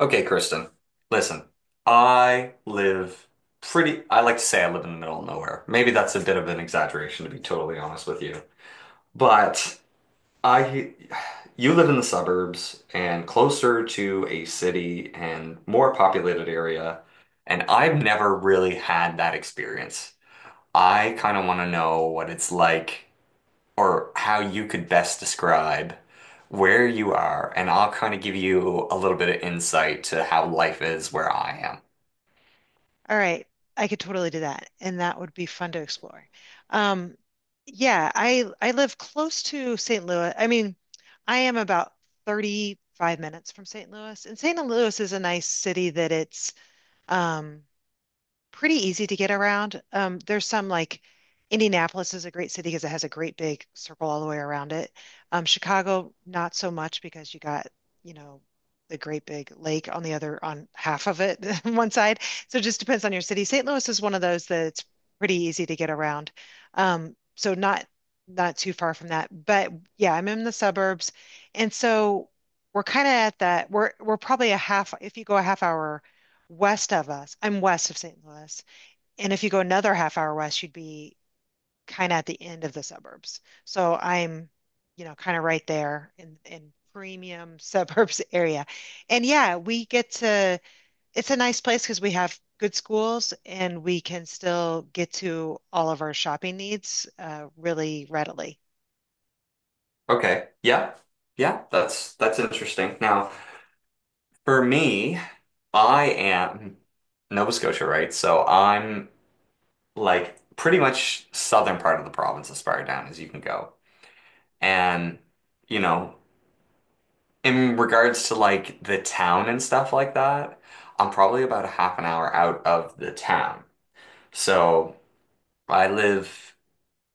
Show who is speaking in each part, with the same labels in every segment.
Speaker 1: Okay, Kristen, listen, I live I like to say I live in the middle of nowhere. Maybe that's a bit of an exaggeration, to be totally honest with you. But I, you live in the suburbs and closer to a city and more populated area. And I've never really had that experience. I kind of want to know what it's like or how you could best describe where you are, and I'll kind of give you a little bit of insight to how life is where I am.
Speaker 2: All right, I could totally do that, and that would be fun to explore. Um, yeah, I live close to St. Louis. I mean, I am about 35 minutes from St. Louis, and St. Louis is a nice city that it's um, pretty easy to get around. There's some like Indianapolis is a great city because it has a great big circle all the way around it. Chicago, not so much because you got, you know, the great big lake on on half of it, one side. So it just depends on your city. St. Louis is one of those that it's pretty easy to get around. So not too far from that. But yeah, I'm in the suburbs. And so we're kind of at that. We're probably if you go a half hour west of us. I'm west of St. Louis. And if you go another half hour west, you'd be kind of at the end of the suburbs. So I'm, kind of right there in premium suburbs area. And yeah, we get to it's a nice place because we have good schools and we can still get to all of our shopping needs, really readily.
Speaker 1: Okay. Yeah. Yeah, that's interesting. Now, for me, I am Nova Scotia, right? So I'm like pretty much southern part of the province as far down as you can go. And you know, in regards to like the town and stuff like that, I'm probably about a half an hour out of the town. So I live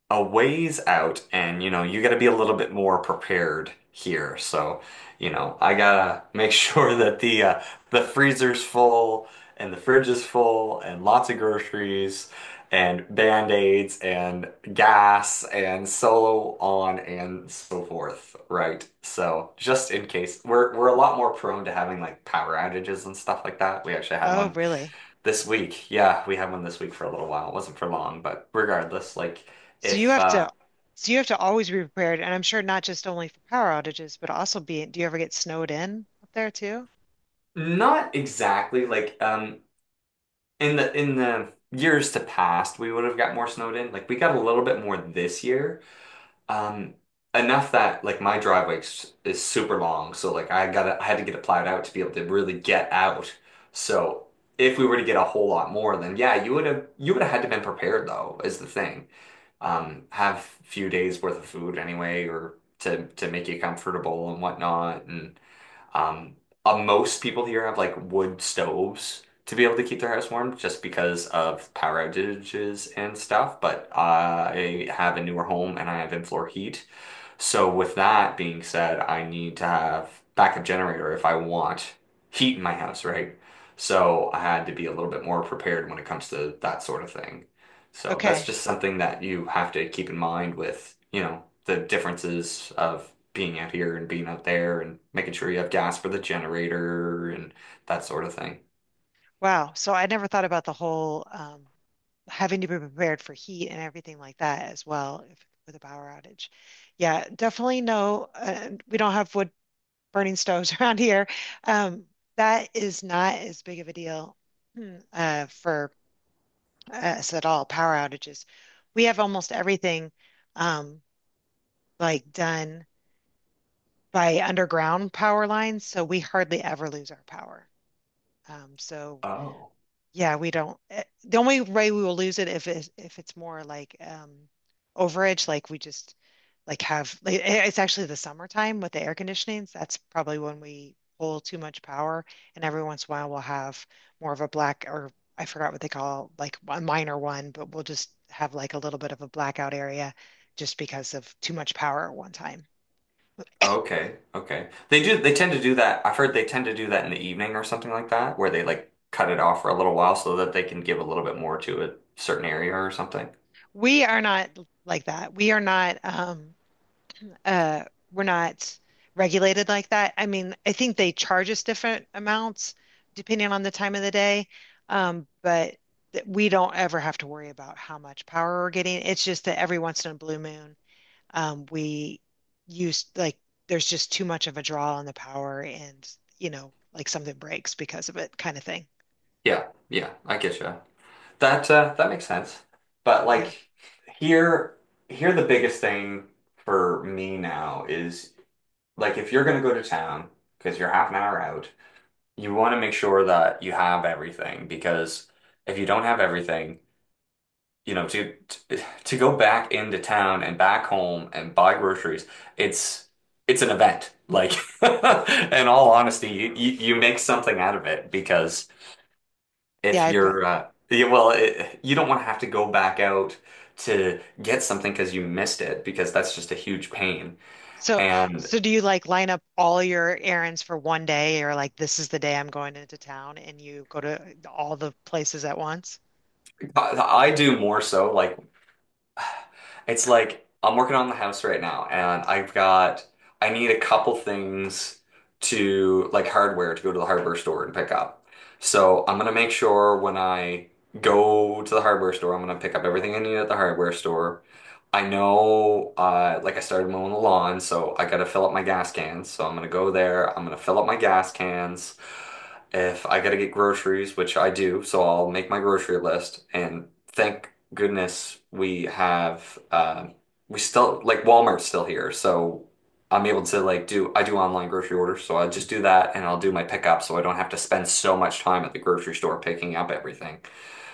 Speaker 1: a ways out and you know, you gotta be a little bit more prepared here. So, you know, I gotta make sure that the freezer's full and the fridge is full and lots of groceries and band-aids and gas and solo on and so forth, right? So, just in case we're a lot more prone to having like power outages and stuff like that. We actually had
Speaker 2: Oh,
Speaker 1: one
Speaker 2: really?
Speaker 1: this week, yeah, we had one this week for a little while. It wasn't for long, but regardless, like
Speaker 2: So you
Speaker 1: if
Speaker 2: have to so you have to always be prepared, and I'm sure not just only for power outages, but also do you ever get snowed in up there too?
Speaker 1: not exactly like in the years to past, we would have got more snowed in. Like we got a little bit more this year. Um Enough that like my is super long, so like I had to get it plowed out to be able to really get out. So if we were to get a whole lot more, then yeah, you would have had to been prepared though, is the thing. Um, have few days worth of food anyway, or to make you comfortable and whatnot. And um, most people here have like wood stoves to be able to keep their house warm, just because of power outages and stuff. But I have a newer home and I have in-floor heat, so with that being said, I need to have backup generator if I want heat in my house, right? So I had to be a little bit more prepared when it comes to that sort of thing. So that's
Speaker 2: Okay.
Speaker 1: just something that you have to keep in mind with, you know, the differences of being out here and being out there and making sure you have gas for the generator and that sort of thing.
Speaker 2: Wow. So I never thought about the whole having to be prepared for heat and everything like that as well if, with a power outage. Yeah, definitely no. We don't have wood burning stoves around here. Um, that is not as big of a deal, for us at all, power outages. We have almost everything um, like done by underground power lines, so we hardly ever lose our power. Um, so
Speaker 1: Oh.
Speaker 2: Yeah, we don't. The only way we will lose it if it's more like overage, like we just like have like, it's actually the summertime with the air conditionings. That's probably when we pull too much power, and every once in a while we'll have more of a black or I forgot what they call like a minor one, but we'll just have like a little bit of a blackout area just because of too much power at one time.
Speaker 1: Okay, okay. They do, they tend to do that. I've heard they tend to do that in the evening or something like that, where they like cut it off for a little while so that they can give a little bit more to a certain area or something.
Speaker 2: We are not like that. We are not. Uh we're not regulated like that. I mean, I think they charge us different amounts depending on the time of the day. But we don't ever have to worry about how much power we're getting. It's just that every once in a blue moon, we use like there's just too much of a draw on the power and, like something breaks because of it kind of thing.
Speaker 1: Yeah, yeah, I get you. That that makes sense. But
Speaker 2: Yeah.
Speaker 1: like here, here the biggest thing for me now is like if you're gonna go to town because you're half an hour out, you want to make sure that you have everything because if you don't have everything you know, to go back into town and back home and buy groceries, it's it's an event. Like, in all honesty, you make something out of it because
Speaker 2: Yeah,
Speaker 1: if
Speaker 2: I've
Speaker 1: you're yeah, well, it, you don't want to have to go back out to get something because you missed it because that's just a huge pain.
Speaker 2: so,
Speaker 1: And
Speaker 2: do you like line up all your errands for one day or like this is the day I'm going into town and you go to all the places at once?
Speaker 1: I I do more so like it's like I'm working on the house right now, and I need a couple things to like hardware to go to the hardware store and pick up. So I'm gonna make sure when I go to the hardware store, I'm gonna pick up everything I need at the hardware store. I know, like I started mowing the lawn, so I gotta fill up my gas cans. So I'm gonna go there. I'm gonna fill up my gas cans. If I gotta get groceries, which I do, so I'll make my grocery list. And thank goodness we have, we still like Walmart's still here, so I'm able to like do I do online grocery orders, so I just do that and I'll do my pickup, so I don't have to spend so much time at the grocery store picking up everything.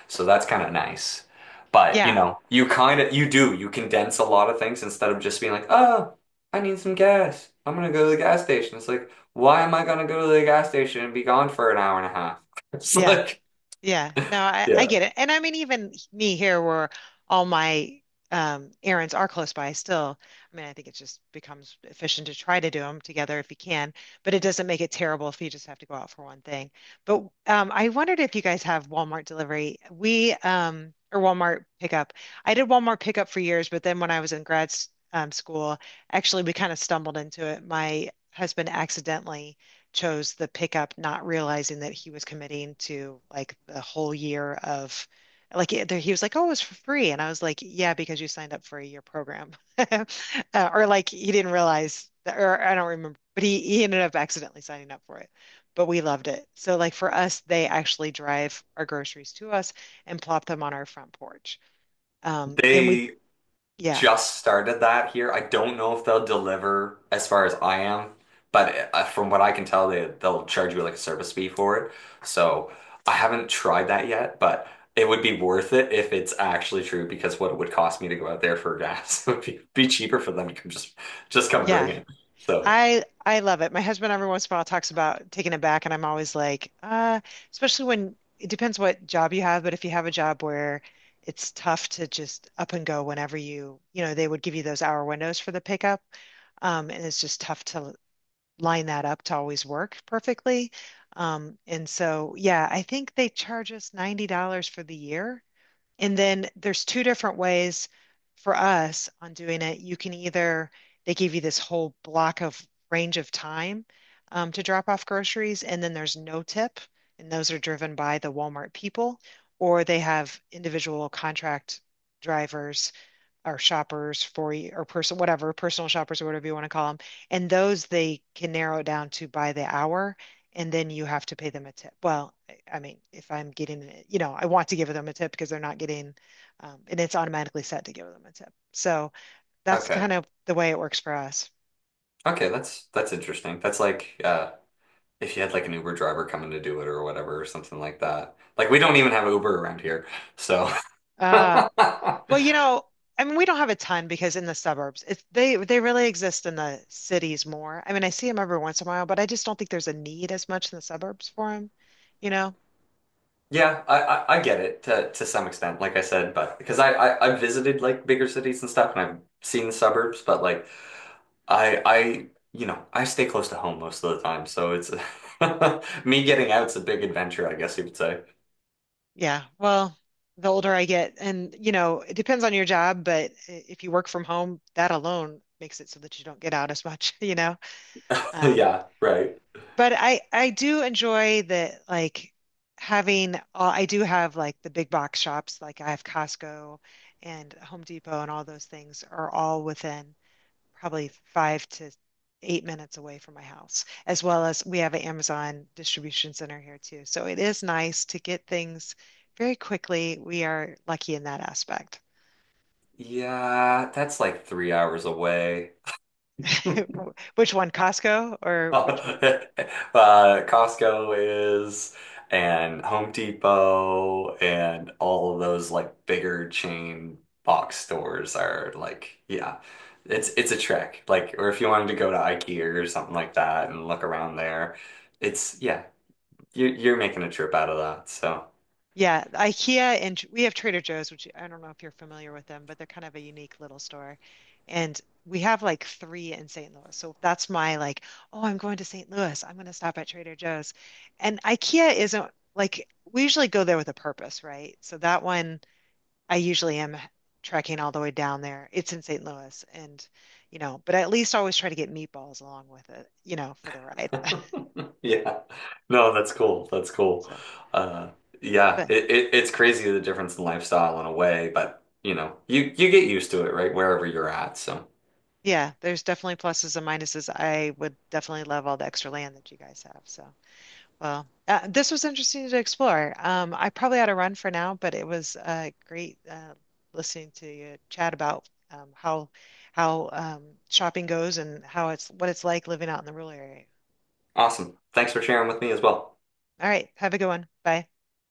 Speaker 1: So that's kind of nice. But, you
Speaker 2: Yeah.
Speaker 1: know, you do, you condense a lot of things instead of just being like, oh, I need some gas. I'm gonna go to the gas station. It's like, why am I gonna go to the gas station and be gone for an hour and a half? It's
Speaker 2: Yeah.
Speaker 1: like,
Speaker 2: Yeah, no, I
Speaker 1: yeah,
Speaker 2: get it. And I mean, even me here, where all my errands are close by still, I mean, I think it just becomes efficient to try to do them together if you can, but it doesn't make it terrible if you just have to go out for one thing. But I wondered if you guys have Walmart delivery. Or Walmart pickup. I did Walmart pickup for years, but then when I was in grad school, actually, we kind of stumbled into it. My husband accidentally chose the pickup, not realizing that he was committing to like the whole year of like it, he was like, "Oh, it was for free," and I was like, "Yeah, because you signed up for a year program," uh, or like he didn't realize, that, or I don't remember, but he ended up accidentally signing up for it. But we loved it. So like for us, they actually drive our groceries to us and plop them on our front porch. Um, and we,
Speaker 1: they
Speaker 2: yeah,
Speaker 1: just started that here. I don't know if they'll deliver as far as I am, but from what I can tell, they'll charge you like a service fee for it. So I haven't tried that yet, but it would be worth it if it's actually true because what it would cost me to go out there for gas would be cheaper for them to come just come bring
Speaker 2: yeah.
Speaker 1: it. So
Speaker 2: I love it. My husband every once in a while talks about taking it back, and I'm always like, especially when it depends what job you have, but if you have a job where it's tough to just up and go whenever they would give you those hour windows for the pickup, and it's just tough to line that up to always work perfectly. And so, yeah, I think they charge us $90 for the year. And then there's two different ways for us on doing it. They give you this whole block of range of time to drop off groceries, and then there's no tip, and those are driven by the Walmart people, or they have individual contract drivers or shoppers for you or person whatever personal shoppers or whatever you want to call them. And those they can narrow it down to by the hour, and then you have to pay them a tip. Well, I mean, if I'm getting it, I want to give them a tip because they're not getting, and it's automatically set to give them a tip, so that's
Speaker 1: okay,
Speaker 2: kind of the way it works for us
Speaker 1: okay, that's interesting. That's like if you had like an Uber driver coming to do it or whatever or something like that. Like we don't even have Uber around here, so.
Speaker 2: uh well, I mean we don't have a ton because in the suburbs it's they really exist in the cities more. I mean, I see them every once in a while, but I just don't think there's a need as much in the suburbs for them you know
Speaker 1: Yeah, I get it to some extent, like I said, but because I've visited like bigger cities and stuff and I've seen the suburbs, but like I, I, you know, I stay close to home most of the time. So it's me getting out's a big adventure, I guess you could say.
Speaker 2: Yeah. Well, the older I get, and it depends on your job, but if you work from home, that alone makes it so that you don't get out as much, Um,
Speaker 1: Yeah, right.
Speaker 2: but I do enjoy the like I do have like the big box shops, like I have Costco and Home Depot and all those things are all within probably 5 to 8 minutes away from my house, as well as we have an Amazon distribution center here too. So it is nice to get things very quickly. We are lucky in that aspect.
Speaker 1: Yeah, that's like 3 hours away.
Speaker 2: Which one, Costco or which one?
Speaker 1: Costco is, and Home Depot, and all of those like bigger chain box stores are like, yeah, it's a trek. Like, or if you wanted to go to IKEA or something like that and look around there, it's yeah, you're making a trip out of that. So
Speaker 2: Yeah, IKEA and we have Trader Joe's, which I don't know if you're familiar with them, but they're kind of a unique little store. And we have like three in St. Louis. So that's my like, oh, I'm going to St. Louis. I'm going to stop at Trader Joe's. And IKEA isn't like we usually go there with a purpose, right? So that one I usually am trekking all the way down there. It's in St. Louis, and but I at least always try to get meatballs along with it, for the ride.
Speaker 1: yeah, no, that's cool. That's cool.
Speaker 2: So,
Speaker 1: Uh, yeah,
Speaker 2: but
Speaker 1: it's crazy the difference in lifestyle in a way, but you know, you get used to it, right? Wherever you're at, so.
Speaker 2: yeah, there's definitely pluses and minuses. I would definitely love all the extra land that you guys have. So, well, this was interesting to explore. I probably ought to run for now, but it was great listening to you chat about how shopping goes and how it's what it's like living out in the rural area.
Speaker 1: Awesome. Thanks for sharing with me as well.
Speaker 2: All right, have a good one. Bye.